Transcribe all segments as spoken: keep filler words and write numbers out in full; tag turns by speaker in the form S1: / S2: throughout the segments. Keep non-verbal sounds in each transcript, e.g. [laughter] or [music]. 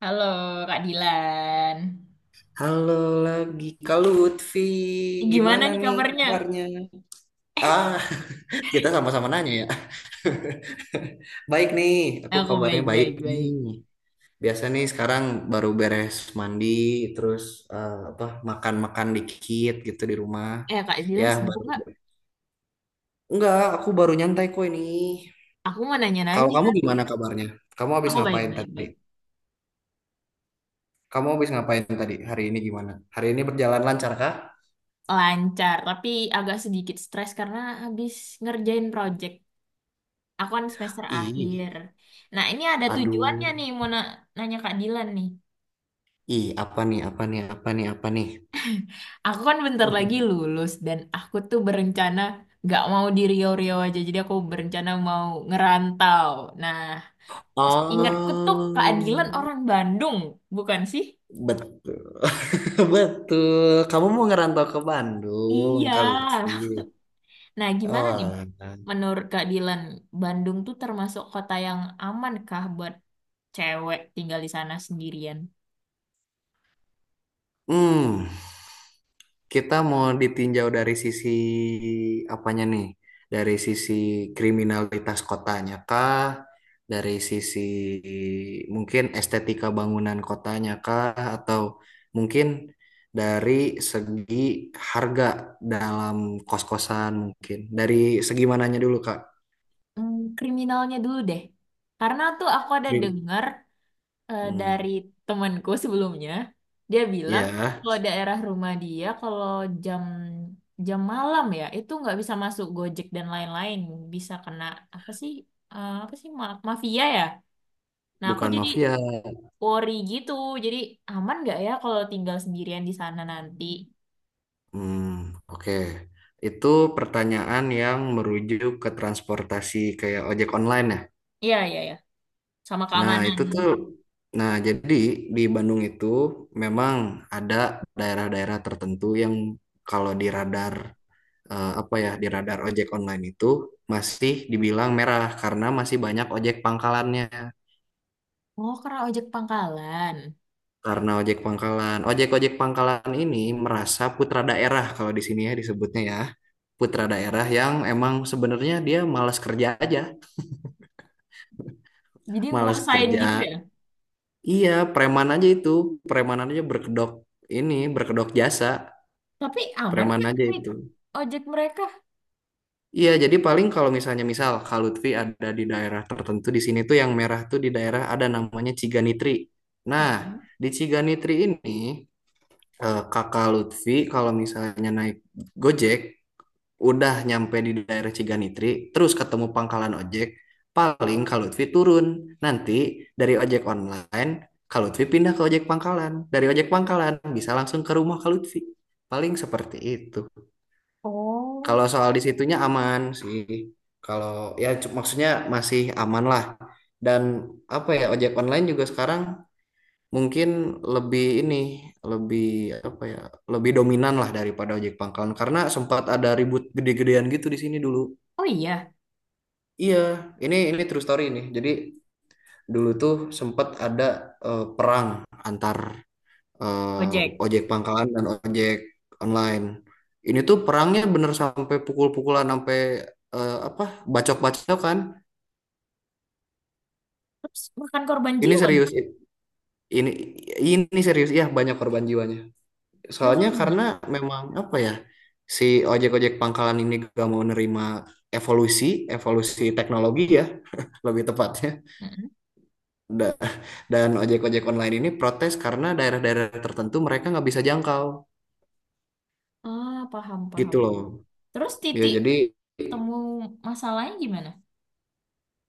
S1: Halo Kak Dilan.
S2: Halo lagi Kak Lutfi,
S1: Gimana
S2: gimana
S1: nih
S2: nih
S1: kabarnya?
S2: kabarnya? Ah, [laughs] kita sama-sama nanya ya. [laughs] Baik nih, aku
S1: Aku
S2: kabarnya baik
S1: baik-baik baik.
S2: nih.
S1: Baik.
S2: Biasa nih sekarang baru beres mandi, terus eh, apa makan-makan dikit gitu di rumah.
S1: Eh Kak
S2: Ya
S1: Dilan sibuk
S2: baru.
S1: nggak?
S2: Enggak, aku baru nyantai kok ini.
S1: Aku mau
S2: Kalau
S1: nanya-nanya.
S2: kamu gimana kabarnya? Kamu habis
S1: Aku
S2: ngapain
S1: baik-baik baik.
S2: tadi?
S1: Baik, baik.
S2: Kamu habis ngapain tadi? Hari ini gimana? Hari ini berjalan lancar kah?
S1: Lancar, tapi agak sedikit stres karena habis ngerjain project. Aku kan semester
S2: Ih,
S1: akhir. Nah ini ada
S2: aduh.
S1: tujuannya nih mau na- nanya Kak Dilan nih.
S2: Ih, apa nih, apa nih, apa nih, apa nih?
S1: Aku kan bentar lagi
S2: [laughs]
S1: lulus dan aku tuh berencana nggak mau di Riau-Riau aja. Jadi aku berencana mau ngerantau. Nah, ingatku tuh keadilan
S2: Oh,
S1: orang Bandung, bukan sih?
S2: betul. [laughs] Betul. Kamu mau ngerantau ke Bandung,
S1: Iya.
S2: kalau Lutfi.
S1: Nah, gimana nih?
S2: Oh, alah.
S1: Menurut keadilan Bandung tuh termasuk kota yang aman kah buat cewek tinggal di sana sendirian?
S2: Hmm. Kita mau ditinjau dari sisi apanya nih? Dari sisi kriminalitas kotanya kah? Dari sisi mungkin estetika bangunan kotanya kah? Atau mungkin dari segi harga dalam kos-kosan mungkin. Dari segi mananya dulu, Kak?
S1: Hmm, kriminalnya dulu deh. Karena tuh aku ada
S2: Krim.
S1: dengar eh, dari
S2: Hmm.
S1: temanku sebelumnya dia bilang
S2: Ya,
S1: kalau daerah rumah dia kalau jam jam malam ya itu nggak bisa masuk Gojek dan lain-lain bisa kena apa sih, eh, apa sih ma- mafia ya, nah aku
S2: bukan
S1: jadi
S2: mafia.
S1: worry gitu, jadi aman nggak ya kalau tinggal sendirian di sana nanti.
S2: Hmm, oke. Itu pertanyaan yang merujuk ke transportasi kayak ojek online ya?
S1: Iya, iya ya, sama
S2: Nah,
S1: keamanan.
S2: itu tuh, nah jadi di Bandung itu memang ada daerah-daerah tertentu yang kalau di radar eh, apa ya di radar ojek online itu masih dibilang merah karena masih banyak ojek pangkalannya.
S1: Oh karena ojek pangkalan
S2: Karena ojek pangkalan, ojek-ojek pangkalan ini merasa putra daerah kalau di sini ya disebutnya ya. Putra daerah yang emang sebenarnya dia malas kerja aja,
S1: jadi
S2: malas
S1: nguasain gitu
S2: kerja.
S1: ya.
S2: Iya, preman aja itu, preman aja berkedok ini berkedok jasa
S1: Tapi aman
S2: preman
S1: nggak
S2: aja
S1: naik
S2: itu.
S1: ojek mereka?
S2: Iya, jadi paling kalau misalnya misal Kak Lutfi ada di daerah tertentu di sini tuh yang merah tuh di daerah ada namanya Ciganitri. Nah,
S1: Mm-mm.
S2: di Ciganitri ini eh, Kakak Lutfi kalau misalnya naik Gojek udah nyampe di daerah Ciganitri, terus ketemu pangkalan ojek, paling Kak Lutfi turun. Nanti dari ojek online Kak Lutfi pindah ke ojek pangkalan. Dari ojek pangkalan bisa langsung ke rumah Kak Lutfi. Paling seperti itu.
S1: Oh,
S2: Kalau soal disitunya aman sih. Kalau ya cu- maksudnya masih aman lah. Dan apa ya ojek online juga sekarang mungkin lebih ini lebih apa ya lebih dominan lah daripada ojek pangkalan karena sempat ada ribut gede-gedean gitu di sini dulu.
S1: oh iya.
S2: Iya, ini ini true story ini. Jadi dulu tuh sempat ada eh, perang antar eh,
S1: Ojek.
S2: ojek pangkalan dan ojek online. Ini tuh perangnya bener sampai pukul-pukulan sampai eh, apa bacok-bacok kan.
S1: Terus bukan korban
S2: Ini
S1: jiwa dong.
S2: serius ini ini serius ya banyak korban jiwanya.
S1: Terus,
S2: Soalnya
S1: terus gimana?
S2: karena memang apa ya si ojek-ojek pangkalan ini gak mau nerima evolusi evolusi teknologi ya lebih tepatnya.
S1: Mm-mm.
S2: Da- Dan ojek-ojek online ini protes karena daerah-daerah tertentu mereka nggak bisa jangkau
S1: Ah, paham, paham,
S2: gitu loh.
S1: paham. Terus
S2: Ya
S1: titik
S2: jadi
S1: temu masalahnya gimana?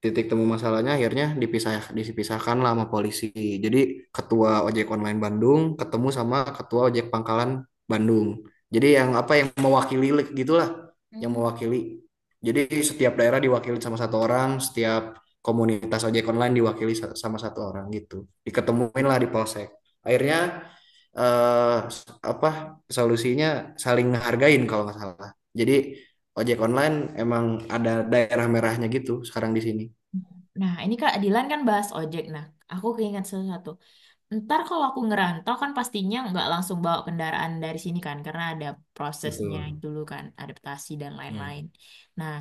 S2: titik temu masalahnya akhirnya dipisah dipisahkan lah sama polisi. Jadi ketua ojek online Bandung ketemu sama ketua ojek pangkalan Bandung. Jadi yang apa yang mewakili gitulah, yang
S1: Hmm.
S2: mewakili. Jadi setiap daerah diwakili sama satu orang, setiap komunitas ojek online diwakili sama satu orang gitu. Diketemuin lah di polsek. Akhirnya eh, apa solusinya saling ngehargain kalau nggak salah. Jadi ojek online emang ada daerah merahnya gitu sekarang di sini.
S1: Nah, ini Kak Dilan kan bahas ojek. Nah, aku keinget sesuatu. Ntar kalau aku ngerantau kan pastinya nggak langsung bawa kendaraan dari sini kan, karena ada prosesnya
S2: Betul.
S1: dulu kan, adaptasi dan
S2: Hmm.
S1: lain-lain. Nah,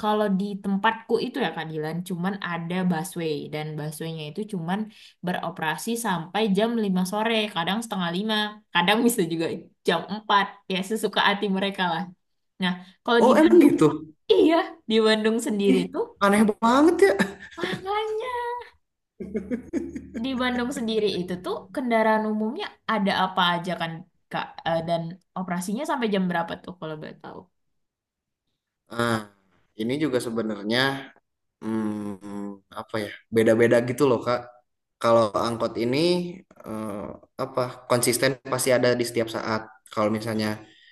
S1: kalau di tempatku itu ya Kak Dilan, cuman ada busway dan busway-nya itu cuman beroperasi sampai jam lima sore, kadang setengah lima, kadang bisa juga jam empat, ya sesuka hati mereka lah. Nah, kalau
S2: Oh,
S1: di
S2: emang
S1: Bandung,
S2: gitu?
S1: iya di Bandung sendiri
S2: Ih,
S1: tuh,
S2: aneh banget ya.
S1: makanya di Bandung sendiri itu tuh kendaraan umumnya ada apa aja kan, Kak? Eh, dan operasinya sampai jam berapa tuh kalau boleh tahu?
S2: Nah, ini juga sebenarnya hmm, apa ya? Beda-beda gitu loh, Kak. Kalau angkot ini eh, apa? konsisten pasti ada di setiap saat. Kalau misalnya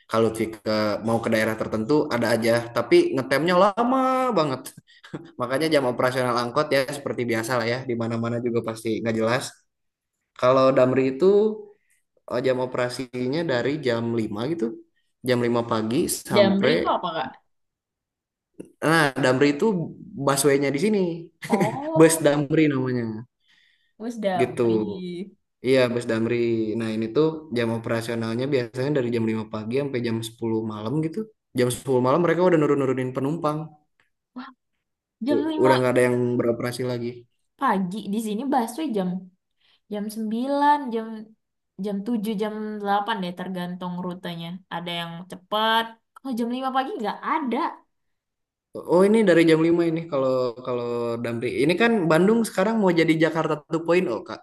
S2: kalau Lutfi ke- mau ke daerah tertentu ada aja, tapi ngetemnya lama banget. [laughs] Makanya jam operasional angkot ya seperti biasa lah ya, di mana-mana juga pasti nggak jelas. Kalau Damri itu oh, jam operasinya dari jam lima gitu. Jam lima pagi
S1: Damri
S2: sampai.
S1: itu apa, Kak?
S2: Nah, Damri itu busway-nya di sini. Bus
S1: Oh,
S2: Damri namanya.
S1: bus
S2: Gitu.
S1: Damri.
S2: Iya, bus Damri. Nah, ini tuh jam operasionalnya biasanya dari jam lima pagi sampai jam sepuluh malam gitu. Jam sepuluh malam mereka udah nurun-nurunin penumpang.
S1: Jam
S2: U- Udah
S1: lima
S2: nggak ada yang beroperasi lagi.
S1: pagi di sini busway jam jam sembilan, jam jam tujuh, jam delapan deh tergantung rutenya. Ada yang cepat. Kalau jam lima pagi nggak ada.
S2: Oh, ini dari jam lima ini kalau kalau Damri. Ini kan Bandung sekarang mau jadi Jakarta dua point o, Kak.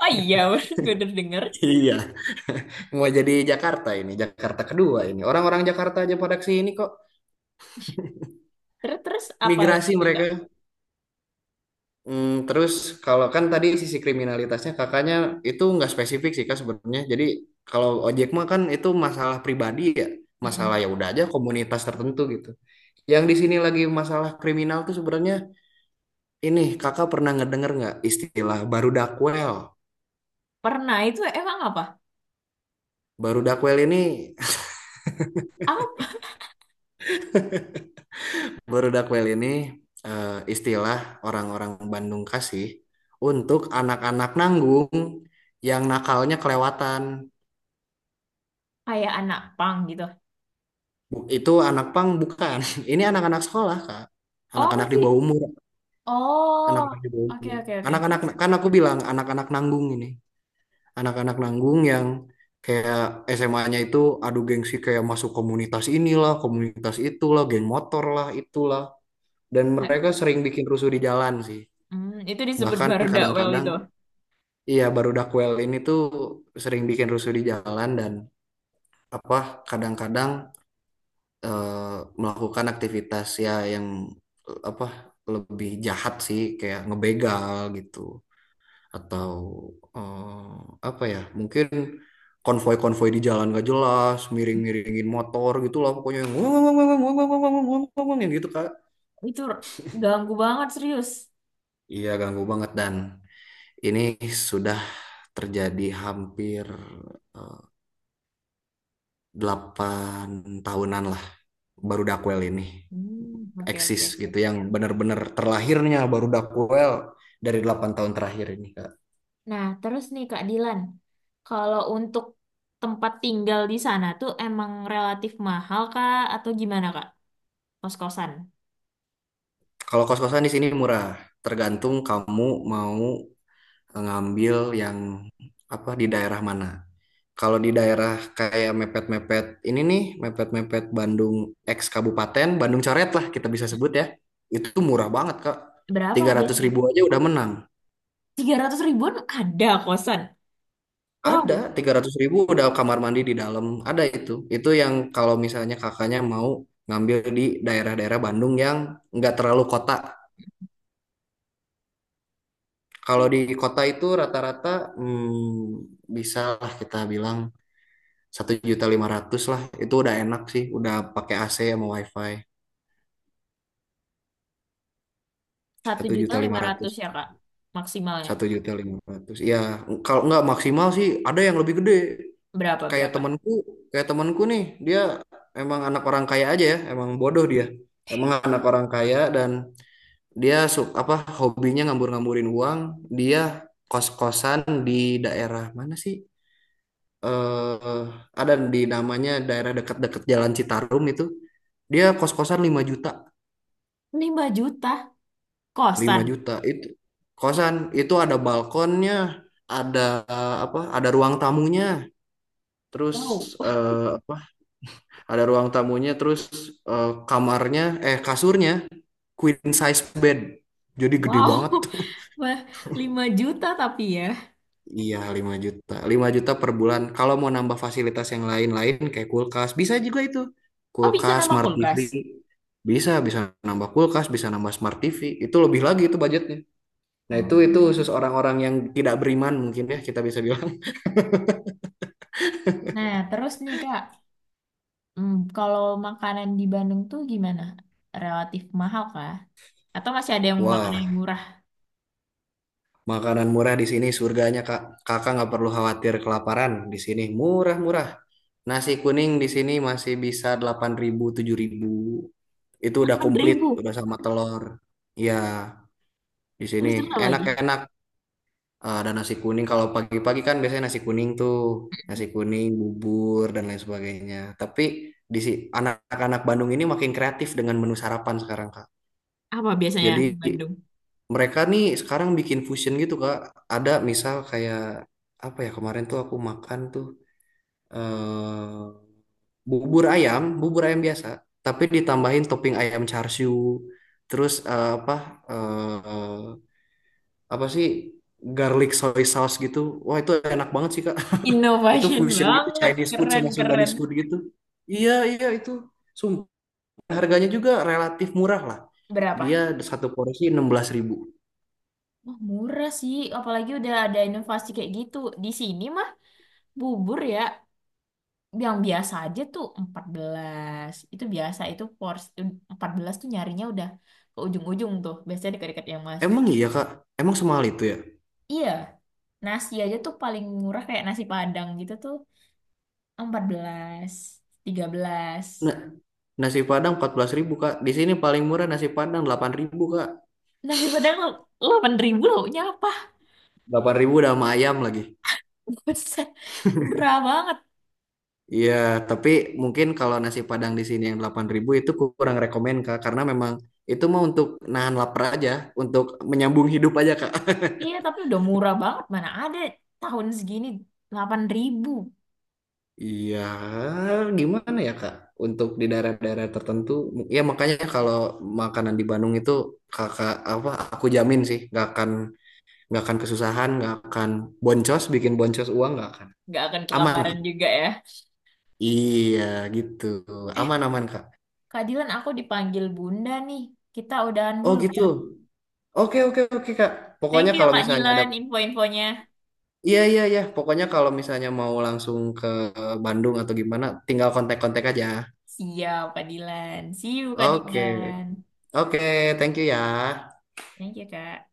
S1: Oh iya, [laughs] gue udah denger.
S2: Iya, [laughs] mau jadi Jakarta ini, Jakarta kedua ini. Orang-orang Jakarta aja pada kesini kok,
S1: Terus, terus apa
S2: migrasi
S1: lagi, Kak?
S2: mereka. Hmm, terus kalau kan tadi sisi kriminalitasnya kakaknya itu nggak spesifik sih kak sebenarnya. Jadi kalau ojek mah kan itu masalah pribadi ya, masalah
S1: Mm-mm.
S2: ya udah aja komunitas tertentu gitu. Yang di sini lagi masalah kriminal tuh sebenarnya ini kakak pernah ngedenger nggak istilah baru dakwel?
S1: Pernah itu emang apa?
S2: Baru dakwel ini [laughs]
S1: Apa?
S2: berudakwel ini eh, istilah orang-orang Bandung kasih untuk anak-anak nanggung yang nakalnya kelewatan.
S1: Kayak anak pang gitu.
S2: Itu anak pang bukan. [laughs] Ini anak-anak sekolah, Kak.
S1: Oh
S2: Anak-anak di
S1: masih.
S2: bawah umur,
S1: Oh,
S2: anak-anak di bawah
S1: oke
S2: umur.
S1: oke oke.
S2: Anak-anak
S1: Terus,
S2: kan aku bilang anak-anak nanggung ini. Anak-anak nanggung yang kayak S M A-nya itu adu gengsi kayak masuk komunitas inilah, komunitas itulah, geng motor lah, itulah. Dan mereka sering bikin rusuh di jalan sih.
S1: hmm, itu disebut
S2: Bahkan
S1: Barudawel
S2: kadang-kadang,
S1: itu.
S2: iya, baru Dakwel ini tuh sering bikin rusuh di jalan dan apa kadang-kadang eh, melakukan aktivitas ya yang eh, apa lebih jahat sih kayak ngebegal gitu atau eh, apa ya mungkin konvoi-konvoi di jalan gak jelas miring-miringin motor gitu lah pokoknya yang wong, wong, wong, wong, wong, wong, wong, wong, wong, yang gitu Kak.
S1: Itu ganggu banget serius.
S2: Iya ganggu banget dan ini sudah terjadi hampir eh, delapan tahunan lah, baru Dakwel ini
S1: Hmm, oke oke
S2: eksis
S1: oke.
S2: gitu yang benar-benar terlahirnya baru Dakwel dari delapan tahun terakhir ini Kak.
S1: Nah terus nih Kak Dilan, kalau untuk tempat tinggal di sana tuh emang relatif mahal Kak atau gimana Kak? Kos-kosan.
S2: Kalau kos-kosan di sini murah, tergantung kamu mau ngambil yang apa di daerah mana. Kalau di daerah kayak mepet-mepet ini nih, mepet-mepet Bandung X kabupaten, Bandung coret lah kita bisa sebut ya. Itu murah banget, Kak.
S1: Berapa
S2: tiga ratus
S1: biasanya
S2: ribu
S1: Kak?
S2: aja udah menang.
S1: Tiga ratus ribuan ada kosan.
S2: Ada
S1: Wow.
S2: tiga ratus ribu udah kamar mandi di dalam. Ada itu. Itu yang kalau misalnya kakaknya mau ngambil di daerah-daerah Bandung yang nggak terlalu kota. Kalau di kota itu rata-rata hmm, bisa lah kita bilang satu juta lima ratus lah. Itu udah enak sih. Udah pakai A C sama WiFi.
S1: Satu
S2: Satu
S1: juta
S2: juta
S1: lima
S2: lima ratus.
S1: ratus ya Kak maksimalnya.
S2: Satu juta lima ratus. Ya, kalau nggak maksimal sih ada yang lebih gede.
S1: Berapa
S2: Kayak
S1: berapa?
S2: temanku, kayak temanku nih, dia emang anak orang kaya aja ya, emang bodoh dia. Emang anak orang kaya dan dia sub apa hobinya ngambur-ngamburin uang. Dia kos-kosan di daerah mana sih? Eh, ada di namanya daerah dekat-dekat Jalan Citarum itu. Dia kos-kosan lima juta.
S1: Lima juta
S2: lima
S1: kosan.
S2: juta itu kosan itu ada balkonnya, ada eh, apa? ada ruang tamunya, terus
S1: Wow.
S2: eh, apa? ada ruang tamunya, terus eh, kamarnya eh kasurnya queen size bed. Jadi gede
S1: Wow,
S2: banget tuh. [laughs]
S1: [laughs] wah lima juta tapi ya.
S2: Iya, lima juta. Lima juta per bulan. Kalau mau nambah fasilitas yang lain-lain kayak kulkas, bisa juga itu.
S1: Oh, bisa
S2: Kulkas,
S1: nama
S2: smart T V.
S1: kulkas.
S2: Bisa, bisa nambah kulkas, bisa nambah smart T V. Itu lebih lagi itu budgetnya. Nah, itu
S1: Oh.
S2: itu khusus orang-orang yang tidak beriman mungkin ya kita bisa bilang.
S1: Nah, terus nih Kak, hmm, kalau makanan di Bandung tuh gimana? Relatif mahal kah? Atau masih ada
S2: [laughs]
S1: yang makanan
S2: Wah,
S1: yang murah?
S2: makanan murah di sini surganya Kak. Kakak nggak perlu khawatir kelaparan di sini murah-murah. Nasi kuning di sini masih bisa delapan ribu tujuh ribu. Itu udah komplit,
S1: delapan ribu.
S2: udah sama telur. Ya, di sini
S1: Terus terus apa lagi?
S2: enak-enak. Ah, ada nasi kuning kalau pagi-pagi kan biasanya nasi kuning tuh, nasi kuning, bubur dan lain sebagainya. Tapi di si anak-anak Bandung ini makin kreatif dengan menu sarapan sekarang, Kak.
S1: Apa biasanya
S2: Jadi
S1: di Bandung?
S2: mereka nih sekarang bikin fusion gitu Kak. Ada misal kayak apa ya kemarin tuh aku makan tuh eh bubur ayam, bubur ayam biasa, tapi ditambahin topping ayam char siu, terus eh, apa eh apa sih garlic soy sauce gitu. Wah, itu enak banget sih Kak. [laughs] Itu
S1: Innovation
S2: fusion gitu
S1: banget,
S2: Chinese food sama
S1: keren-keren.
S2: Sundanese food gitu. Iya, iya itu. Sumpah harganya juga relatif murah lah. Dia
S1: Berapa?
S2: satu porsi enam belas ribu.
S1: Wah, murah sih, apalagi udah ada inovasi kayak gitu. Di sini mah bubur ya, yang biasa aja tuh empat belas. Itu biasa itu porsi empat belas tuh nyarinya udah ke ujung-ujung tuh. Biasanya dekat-dekat yang
S2: Emang
S1: mahasiswa.
S2: iya Kak? Emang semahal itu ya?
S1: Iya, nasi aja tuh paling murah kayak nasi Padang gitu tuh empat belas, tiga belas.
S2: Nah, nasi Padang empat belas ribu Kak. Di sini paling murah nasi Padang delapan ribu Kak.
S1: Nasi Padang delapan ribu lauknya apa?
S2: Delapan ribu udah sama ayam lagi.
S1: [laughs] Buset, murah banget.
S2: Iya, tapi mungkin kalau nasi Padang di sini yang delapan ribu itu kurang rekomen Kak karena memang itu mah untuk nahan lapar aja, untuk menyambung hidup aja Kak.
S1: Iya,
S2: [laughs]
S1: tapi udah murah banget. Mana ada tahun segini delapan ribu.
S2: Iya, gimana ya Kak? Untuk di daerah-daerah tertentu, ya makanya kalau makanan di Bandung itu kakak apa? Aku jamin sih, nggak akan nggak akan kesusahan, nggak akan boncos, bikin boncos uang nggak akan,
S1: Nggak akan
S2: aman Kak.
S1: kelaparan juga ya.
S2: Iya gitu,
S1: Eh,
S2: aman, aman kak.
S1: keadilan aku dipanggil Bunda nih. Kita udahan
S2: Oh
S1: dulu.
S2: gitu, oke, oke, oke kak,
S1: Thank
S2: pokoknya
S1: you ya
S2: kalau
S1: Kak
S2: misalnya ada,
S1: Dilan info-infonya.
S2: iya, iya, iya, pokoknya kalau misalnya mau langsung ke Bandung atau gimana tinggal kontak-kontak aja.
S1: Siap Kak Dilan. See you Kak
S2: Oke,
S1: Dilan.
S2: oke, thank you ya.
S1: Thank you Kak.